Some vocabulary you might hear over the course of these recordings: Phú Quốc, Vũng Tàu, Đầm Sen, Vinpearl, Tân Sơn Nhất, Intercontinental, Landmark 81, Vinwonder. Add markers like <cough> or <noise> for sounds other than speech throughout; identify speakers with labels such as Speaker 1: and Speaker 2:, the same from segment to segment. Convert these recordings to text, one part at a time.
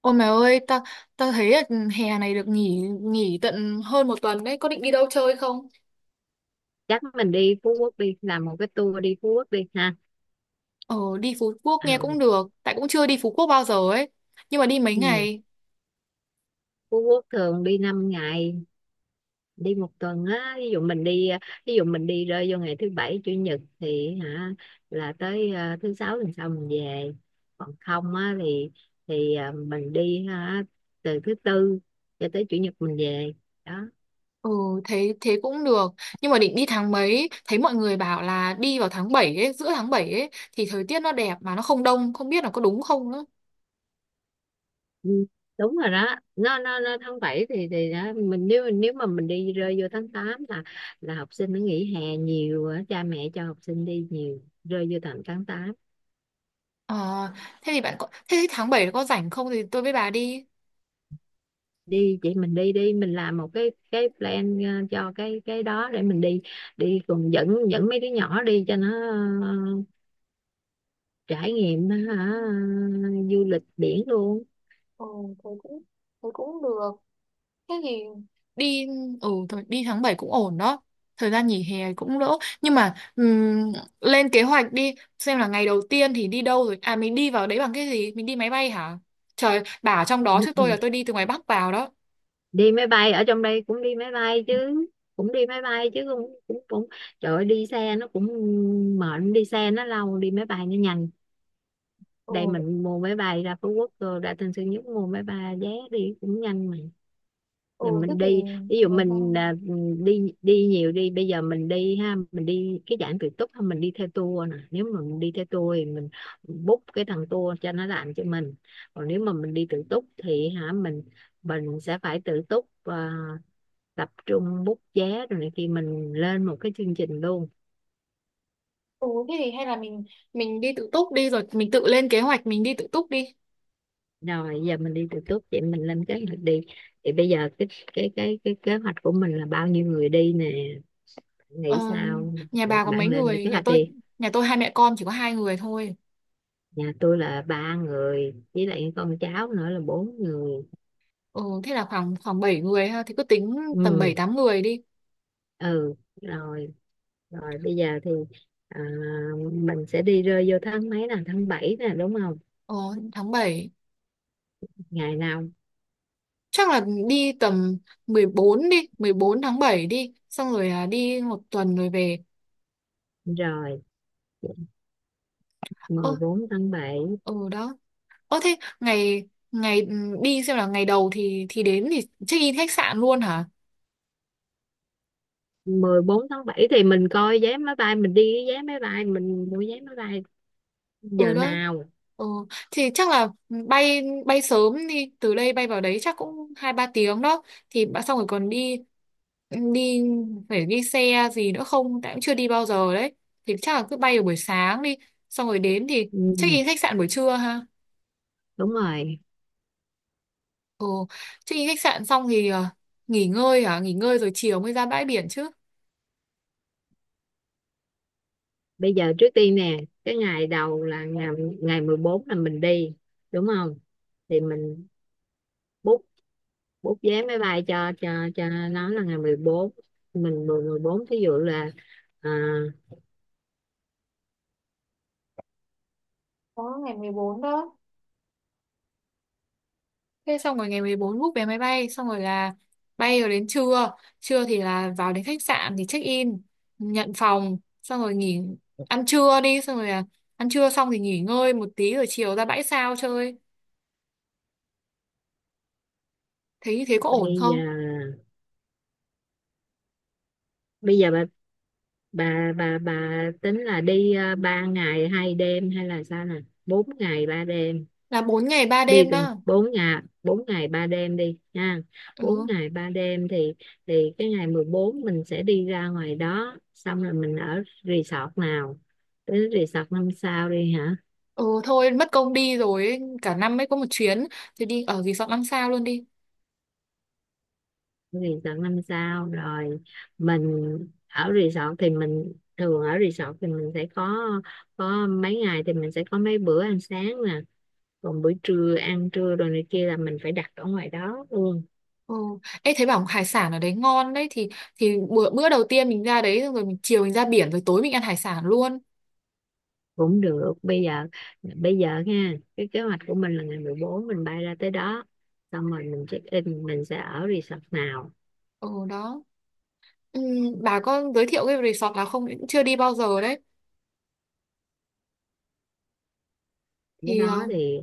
Speaker 1: Ôi mày ơi, tao tao thấy là hè này được nghỉ nghỉ tận hơn một tuần đấy, có định đi đâu chơi không?
Speaker 2: Chắc mình đi Phú Quốc, đi làm một cái tour đi Phú Quốc đi ha.
Speaker 1: Ờ, đi Phú Quốc nghe cũng
Speaker 2: Ừ.
Speaker 1: được, tại cũng chưa đi Phú Quốc bao giờ ấy. Nhưng mà đi mấy
Speaker 2: Ừ.
Speaker 1: ngày,
Speaker 2: Phú Quốc thường đi 5 ngày, đi một tuần á. Ví dụ mình đi, ví dụ mình đi rơi vô ngày thứ bảy chủ nhật thì hả, là tới thứ sáu tuần sau mình về. Còn không á thì mình đi hả, từ thứ tư cho tới chủ nhật mình về đó.
Speaker 1: ừ, thế thế cũng được. Nhưng mà định đi tháng mấy, thấy mọi người bảo là đi vào tháng 7, ấy, giữa tháng 7 ấy, thì thời tiết nó đẹp mà nó không đông, không biết là có đúng không nữa.
Speaker 2: Ừ, đúng rồi đó. Nó tháng 7 thì đó. Mình nếu nếu mà mình đi rơi vô tháng 8 là học sinh nó nghỉ hè nhiều á, cha mẹ cho học sinh đi nhiều rơi vô tầm tháng tám.
Speaker 1: Ờ, thế thì bạn có, thế thì tháng 7 có rảnh không thì tôi với bà đi.
Speaker 2: Đi chị, mình đi đi, mình làm một cái plan cho cái đó để mình đi, đi cùng, dẫn dẫn mấy đứa nhỏ đi cho nó ờ, trải nghiệm hả, du lịch biển luôn.
Speaker 1: Ừ, thế cũng thế cũng được. Thế thì đi. Ừ, thôi đi tháng 7 cũng ổn đó. Thời gian nghỉ hè cũng đỡ nhưng mà lên kế hoạch đi xem là ngày đầu tiên thì đi đâu rồi à mình đi vào đấy bằng cái gì? Mình đi máy bay hả? Trời, bà ở trong đó chứ
Speaker 2: Ừ.
Speaker 1: tôi đi từ ngoài Bắc vào đó.
Speaker 2: Đi máy bay, ở trong đây cũng đi máy bay chứ, cũng đi máy bay chứ, cũng cũng cũng trời ơi, đi xe nó cũng mệt, đi xe nó lâu, đi máy bay nó nhanh. Đây
Speaker 1: Ừ,
Speaker 2: mình mua máy bay ra Phú Quốc, rồi ra Tân Sơn Nhất mua máy bay vé đi cũng nhanh mà.
Speaker 1: ừ,
Speaker 2: Giờ
Speaker 1: thế
Speaker 2: mình
Speaker 1: thì
Speaker 2: đi ví
Speaker 1: đi
Speaker 2: dụ
Speaker 1: máy bay.
Speaker 2: mình đi đi nhiều đi. Bây giờ mình đi ha, mình đi cái dạng tự túc ha, mình đi theo tour nè. Nếu mà mình đi theo tour thì mình book cái thằng tour cho nó làm cho mình. Còn nếu mà mình đi tự túc thì hả, mình sẽ phải tự túc, tập trung bút vé rồi này kia, mình lên một cái chương trình luôn.
Speaker 1: Ừ, thế thì hay là mình đi tự túc đi rồi mình tự lên kế hoạch mình đi tự túc đi.
Speaker 2: Rồi giờ mình đi từ túc vậy, mình lên kế hoạch đi. Thì bây giờ cái cái kế hoạch của mình là bao nhiêu người đi nè? Bạn nghĩ
Speaker 1: Ờ,
Speaker 2: sao?
Speaker 1: nhà
Speaker 2: Được,
Speaker 1: bà có
Speaker 2: bạn
Speaker 1: mấy
Speaker 2: lên được
Speaker 1: người?
Speaker 2: kế
Speaker 1: Nhà
Speaker 2: hoạch
Speaker 1: tôi
Speaker 2: đi.
Speaker 1: nhà tôi hai mẹ con chỉ có 2 người thôi.
Speaker 2: Nhà tôi là ba người với lại con cháu nữa là bốn người.
Speaker 1: Ừ, thế là khoảng khoảng 7 người ha, thì cứ tính tầm 7
Speaker 2: Ừ.
Speaker 1: 8 người đi.
Speaker 2: Ừ, rồi. Rồi bây giờ thì à, mình sẽ đi rơi vô tháng mấy nè, tháng 7 nè, đúng không?
Speaker 1: Ờ, tháng 7
Speaker 2: Ngày nào?
Speaker 1: chắc là đi tầm 14 đi, 14 tháng 7 đi, xong rồi đi một tuần rồi về.
Speaker 2: Rồi,
Speaker 1: Ơ,
Speaker 2: mười bốn tháng bảy.
Speaker 1: ừ đó. Ơ thế ngày ngày ừ, đi xem là ngày đầu thì đến thì check in khách sạn luôn hả?
Speaker 2: Mười bốn tháng 7 thì mình coi vé máy bay, mình đi cái vé máy bay, mình mua vé máy bay
Speaker 1: Ừ
Speaker 2: giờ
Speaker 1: đó.
Speaker 2: nào.
Speaker 1: Ừ, thì chắc là bay bay sớm, đi từ đây bay vào đấy chắc cũng 2 3 tiếng đó, thì xong rồi còn đi, ừ, đi phải đi xe gì nữa không tại cũng chưa đi bao giờ đấy, thì chắc là cứ bay vào buổi sáng đi, xong rồi đến thì check
Speaker 2: Ừ,
Speaker 1: in khách sạn buổi trưa ha.
Speaker 2: đúng rồi.
Speaker 1: Ừ, check-in khách sạn xong thì nghỉ ngơi hả? Nghỉ ngơi rồi chiều mới ra bãi biển chứ.
Speaker 2: Bây giờ trước tiên nè, cái ngày đầu là ngày, ngày 14 là mình đi đúng không? Thì mình book, vé máy bay cho cho nó là ngày mười bốn. Mình mười, 14 thí dụ là à,
Speaker 1: Đó, ngày 14 đó. Thế xong rồi ngày 14 book vé máy bay, xong rồi là bay rồi đến trưa. Trưa thì là vào đến khách sạn thì check-in, nhận phòng, xong rồi nghỉ, ăn trưa đi, xong rồi là ăn trưa xong thì nghỉ ngơi một tí rồi chiều ra bãi sao chơi. Thế như thế có ổn
Speaker 2: bây giờ,
Speaker 1: không?
Speaker 2: bây giờ bà, bà tính là đi 3 ngày hai đêm hay là sao nè, 4 ngày 3 đêm?
Speaker 1: Là bốn ngày 3
Speaker 2: Đi
Speaker 1: đêm
Speaker 2: từ
Speaker 1: đó.
Speaker 2: 4 ngày, 4 ngày 3 đêm đi nha. Bốn
Speaker 1: Ừ.
Speaker 2: ngày 3 đêm thì cái ngày 14 mình sẽ đi ra ngoài đó, xong rồi mình ở resort nào. Tới resort năm sao đi hả.
Speaker 1: Ừ thôi, mất công đi rồi ấy. Cả năm mới có một chuyến thì đi ở resort 5 sao luôn đi.
Speaker 2: Resort năm sao rồi. Mình ở resort thì mình thường, ở resort thì mình sẽ có mấy ngày thì mình sẽ có mấy bữa ăn sáng nè, còn bữa trưa, ăn trưa rồi này kia là mình phải đặt ở ngoài đó luôn.
Speaker 1: Ừ. Ê, thấy bảo hải sản ở đấy ngon đấy thì bữa bữa đầu tiên mình ra đấy rồi mình chiều mình ra biển rồi tối mình ăn hải sản luôn.
Speaker 2: Cũng được. Bây giờ, bây giờ nha, cái kế hoạch của mình là ngày 14 mình bay ra tới đó, xong rồi mình check in, mình sẽ ở resort nào.
Speaker 1: Ừ đó. Ừ, bà có giới thiệu cái resort nào không? Cũng chưa đi bao giờ đấy.
Speaker 2: Ở
Speaker 1: Thì
Speaker 2: đó thì,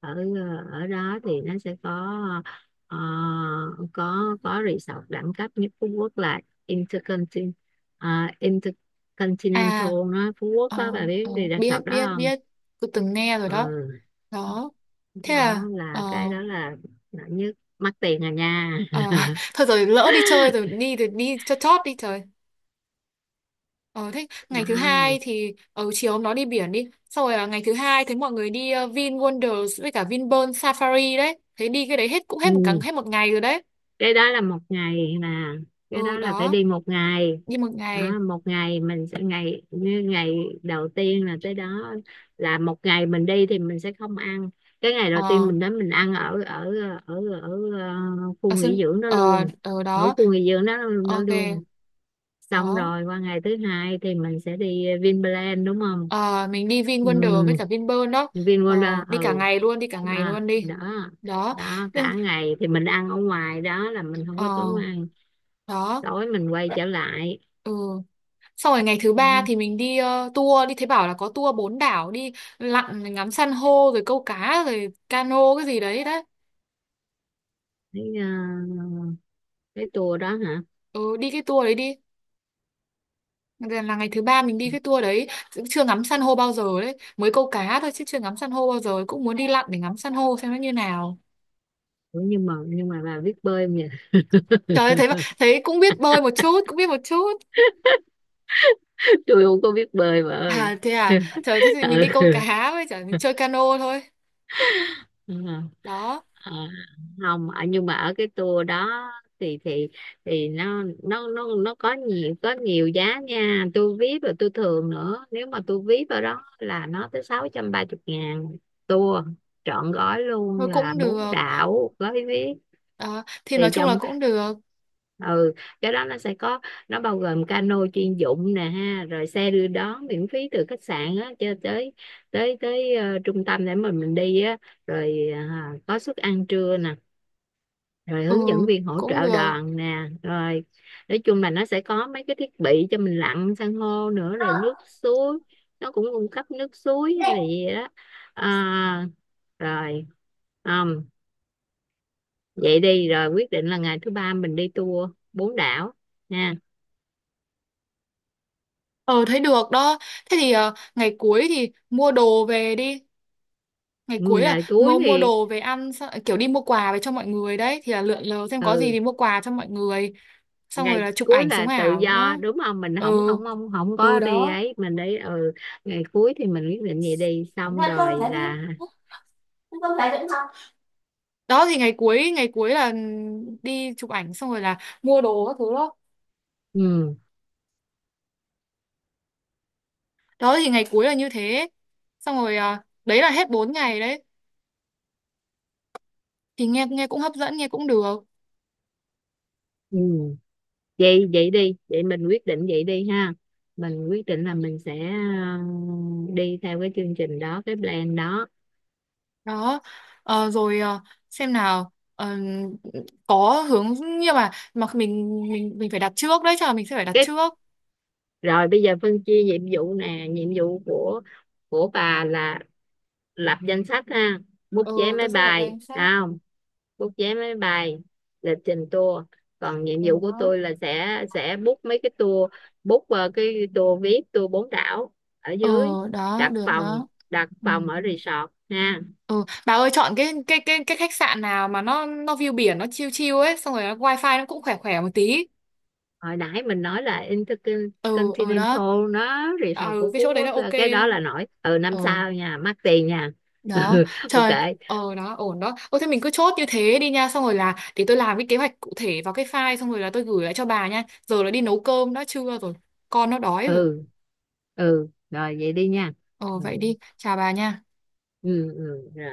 Speaker 2: ở ở đó thì nó sẽ có ờ, có resort đẳng cấp nhất Phú Quốc là Intercontinental.
Speaker 1: à
Speaker 2: Intercontinental nó Phú Quốc
Speaker 1: ờ,
Speaker 2: đó, bà biết đi
Speaker 1: biết
Speaker 2: resort đó
Speaker 1: biết
Speaker 2: không?
Speaker 1: biết tôi từng nghe rồi đó.
Speaker 2: Ừ,
Speaker 1: Đó. Thế
Speaker 2: đó
Speaker 1: là
Speaker 2: là, cái đó là đẳng nhất, mắc tiền à nha.
Speaker 1: ờ, <laughs>
Speaker 2: <laughs>
Speaker 1: thôi rồi, lỡ đi chơi rồi, đi thì đi cho chót đi trời. Ờ thế
Speaker 2: Đó.
Speaker 1: ngày thứ hai thì ở chiều hôm đó đi biển đi. Xong rồi ngày thứ hai thấy mọi người đi Vin Wonders với cả Vinpearl Safari đấy. Thế đi cái đấy hết cũng hết một
Speaker 2: Ừ.
Speaker 1: ngày rồi đấy.
Speaker 2: Cái đó là một ngày mà, cái
Speaker 1: Ừ
Speaker 2: đó là phải
Speaker 1: đó,
Speaker 2: đi một ngày.
Speaker 1: đi một ngày.
Speaker 2: Đó, một ngày mình sẽ, ngày như ngày đầu tiên là tới đó là một ngày. Mình đi thì mình sẽ không ăn, cái ngày đầu tiên
Speaker 1: Ờ
Speaker 2: mình đến mình ăn ở ở ở ờ, khu
Speaker 1: ở sân
Speaker 2: nghỉ dưỡng đó luôn,
Speaker 1: ở
Speaker 2: ở
Speaker 1: đó.
Speaker 2: khu nghỉ dưỡng đó, đó
Speaker 1: Ok,
Speaker 2: luôn. Xong
Speaker 1: đó.
Speaker 2: rồi qua ngày thứ hai thì mình sẽ đi Vinpearl đúng không?
Speaker 1: Ờ mình đi Vin
Speaker 2: Ừ,
Speaker 1: Wonders với cả Vinpearl đó. Ờ
Speaker 2: Vinwonder,
Speaker 1: đi cả
Speaker 2: ừ.
Speaker 1: ngày luôn, đi cả ngày
Speaker 2: À,
Speaker 1: luôn đi.
Speaker 2: đó.
Speaker 1: Đó.
Speaker 2: Đó,
Speaker 1: Nhưng-
Speaker 2: cả ngày thì mình ăn ở ngoài đó là mình không
Speaker 1: Ờ
Speaker 2: có tốn ăn,
Speaker 1: đó.
Speaker 2: tối mình quay trở lại.
Speaker 1: Ừ. Xong rồi ngày thứ ba
Speaker 2: Ừ,
Speaker 1: thì mình đi tour, đi thấy bảo là có tour 4 đảo, đi lặn ngắm san hô rồi câu cá rồi cano cái gì đấy đấy.
Speaker 2: cái cái tour đó hả?
Speaker 1: Ừ, đi cái tour đấy đi. Là ngày thứ ba mình đi cái tour đấy, cũng chưa ngắm san hô bao giờ đấy, mới câu cá thôi chứ chưa ngắm san hô bao giờ, cũng muốn đi lặn để ngắm san hô xem nó như nào.
Speaker 2: Ủa, nhưng mà bà biết bơi không nhỉ?
Speaker 1: Trời ơi,
Speaker 2: <laughs>
Speaker 1: thấy cũng biết bơi một chút, cũng biết một chút.
Speaker 2: Tôi không có biết bơi bà ơi.
Speaker 1: À thế à,
Speaker 2: <laughs>
Speaker 1: trời thế thì mình đi
Speaker 2: Ừ.
Speaker 1: câu cá với chả mình chơi cano thôi.
Speaker 2: Ờ,
Speaker 1: Đó,
Speaker 2: ờ, không ở, nhưng mà ở cái tour đó thì thì nó có nhiều, có nhiều giá nha. Tôi VIP rồi tôi thường nữa, nếu mà tôi VIP ở đó là nó tới sáu trăm ba chục ngàn. Tour trọn gói luôn
Speaker 1: thôi
Speaker 2: là
Speaker 1: cũng
Speaker 2: bốn
Speaker 1: được.
Speaker 2: đảo gói VIP.
Speaker 1: Đó, thì nói
Speaker 2: Thì
Speaker 1: chung
Speaker 2: chồng,
Speaker 1: là cũng được.
Speaker 2: ừ, cái đó nó sẽ có, nó bao gồm cano chuyên dụng nè ha, rồi xe đưa đón miễn phí từ khách sạn á cho tới tới tới trung tâm để mà mình đi á, rồi có suất ăn trưa nè, rồi
Speaker 1: Ừ,
Speaker 2: hướng dẫn viên hỗ
Speaker 1: cũng
Speaker 2: trợ
Speaker 1: được.
Speaker 2: đoàn nè, rồi, nói chung là nó sẽ có mấy cái thiết bị cho mình lặn san hô nữa, rồi nước suối, nó cũng cung cấp nước suối hay là gì đó. à, rồi, không, vậy đi, rồi quyết định là ngày thứ ba mình đi tour bốn đảo nha.
Speaker 1: Ờ, thấy được đó. Thế thì ngày cuối thì mua đồ về đi. Ngày
Speaker 2: Ừ,
Speaker 1: cuối là
Speaker 2: ngày cuối
Speaker 1: mua mua
Speaker 2: thì,
Speaker 1: đồ về ăn xong, kiểu đi mua quà về cho mọi người đấy thì là lượn lờ xem có gì
Speaker 2: ừ,
Speaker 1: thì mua quà cho mọi người. Xong rồi
Speaker 2: ngày
Speaker 1: là chụp
Speaker 2: cuối
Speaker 1: ảnh sống
Speaker 2: là tự
Speaker 1: ảo
Speaker 2: do
Speaker 1: nữa.
Speaker 2: đúng không, mình không
Speaker 1: Ừ,
Speaker 2: không không không
Speaker 1: ừ
Speaker 2: có đi
Speaker 1: đó.
Speaker 2: ấy, mình đi, ừ. Ngày cuối thì mình quyết định vậy đi xong
Speaker 1: Ăn cơm
Speaker 2: rồi
Speaker 1: thế đi,
Speaker 2: là,
Speaker 1: ăn cơm thế cũng không. Đó thì ngày cuối là đi chụp ảnh xong rồi là mua đồ các thứ đó.
Speaker 2: ừ,
Speaker 1: Đó thì ngày cuối là như thế. Xong rồi đấy là hết 4 ngày đấy. Thì nghe nghe cũng hấp dẫn, nghe cũng được.
Speaker 2: ừ, vậy, vậy đi vậy, mình quyết định vậy đi ha. Mình quyết định là mình sẽ đi theo cái chương trình đó, cái plan đó.
Speaker 1: Đó. Ờ, rồi. Ờ, xem nào. Ờ, có hướng nhưng mà mình phải đặt trước đấy, chắc là mình sẽ phải đặt
Speaker 2: Cái,
Speaker 1: trước.
Speaker 2: rồi bây giờ phân chia nhiệm vụ nè. Nhiệm vụ của bà là lập danh sách ha, bút vé
Speaker 1: Ừ,
Speaker 2: máy
Speaker 1: tôi sẽ lập
Speaker 2: bay
Speaker 1: danh sách.
Speaker 2: ha, bút vé máy bay, lịch trình tour. Còn nhiệm
Speaker 1: Ừ
Speaker 2: vụ của
Speaker 1: đó.
Speaker 2: tôi là sẽ book mấy cái tour, book cái tour, viết tour bốn đảo ở
Speaker 1: Ờ
Speaker 2: dưới,
Speaker 1: đó,
Speaker 2: đặt
Speaker 1: được
Speaker 2: phòng,
Speaker 1: đó.
Speaker 2: đặt
Speaker 1: Ừ.
Speaker 2: phòng ở resort ha.
Speaker 1: Ừ, bà ơi chọn cái khách sạn nào mà nó view biển nó chill chill ấy, xong rồi nó wifi nó cũng khỏe khỏe một tí.
Speaker 2: Hồi nãy mình nói là
Speaker 1: Ừ, ừ
Speaker 2: Intercontinental
Speaker 1: đó.
Speaker 2: nó
Speaker 1: À,
Speaker 2: resort
Speaker 1: ừ
Speaker 2: của
Speaker 1: cái
Speaker 2: Phú
Speaker 1: chỗ đấy là
Speaker 2: Quốc
Speaker 1: ok.
Speaker 2: cái đó
Speaker 1: Đó.
Speaker 2: là nổi, ừ,
Speaker 1: Ừ
Speaker 2: năm sao nha, mắc tiền nha. <laughs>
Speaker 1: đó.
Speaker 2: Ừ, ok.
Speaker 1: Trời, ờ đó, ổn đó. Ô thế mình cứ chốt như thế đi nha, xong rồi là để tôi làm cái kế hoạch cụ thể vào cái file, xong rồi là tôi gửi lại cho bà nha. Giờ là đi nấu cơm đã, trưa rồi, con nó đói rồi.
Speaker 2: Ừ. Ừ, rồi, vậy đi nha.
Speaker 1: Ờ
Speaker 2: Ừ.
Speaker 1: vậy đi, chào bà nha.
Speaker 2: Ừ, ừ. Rồi.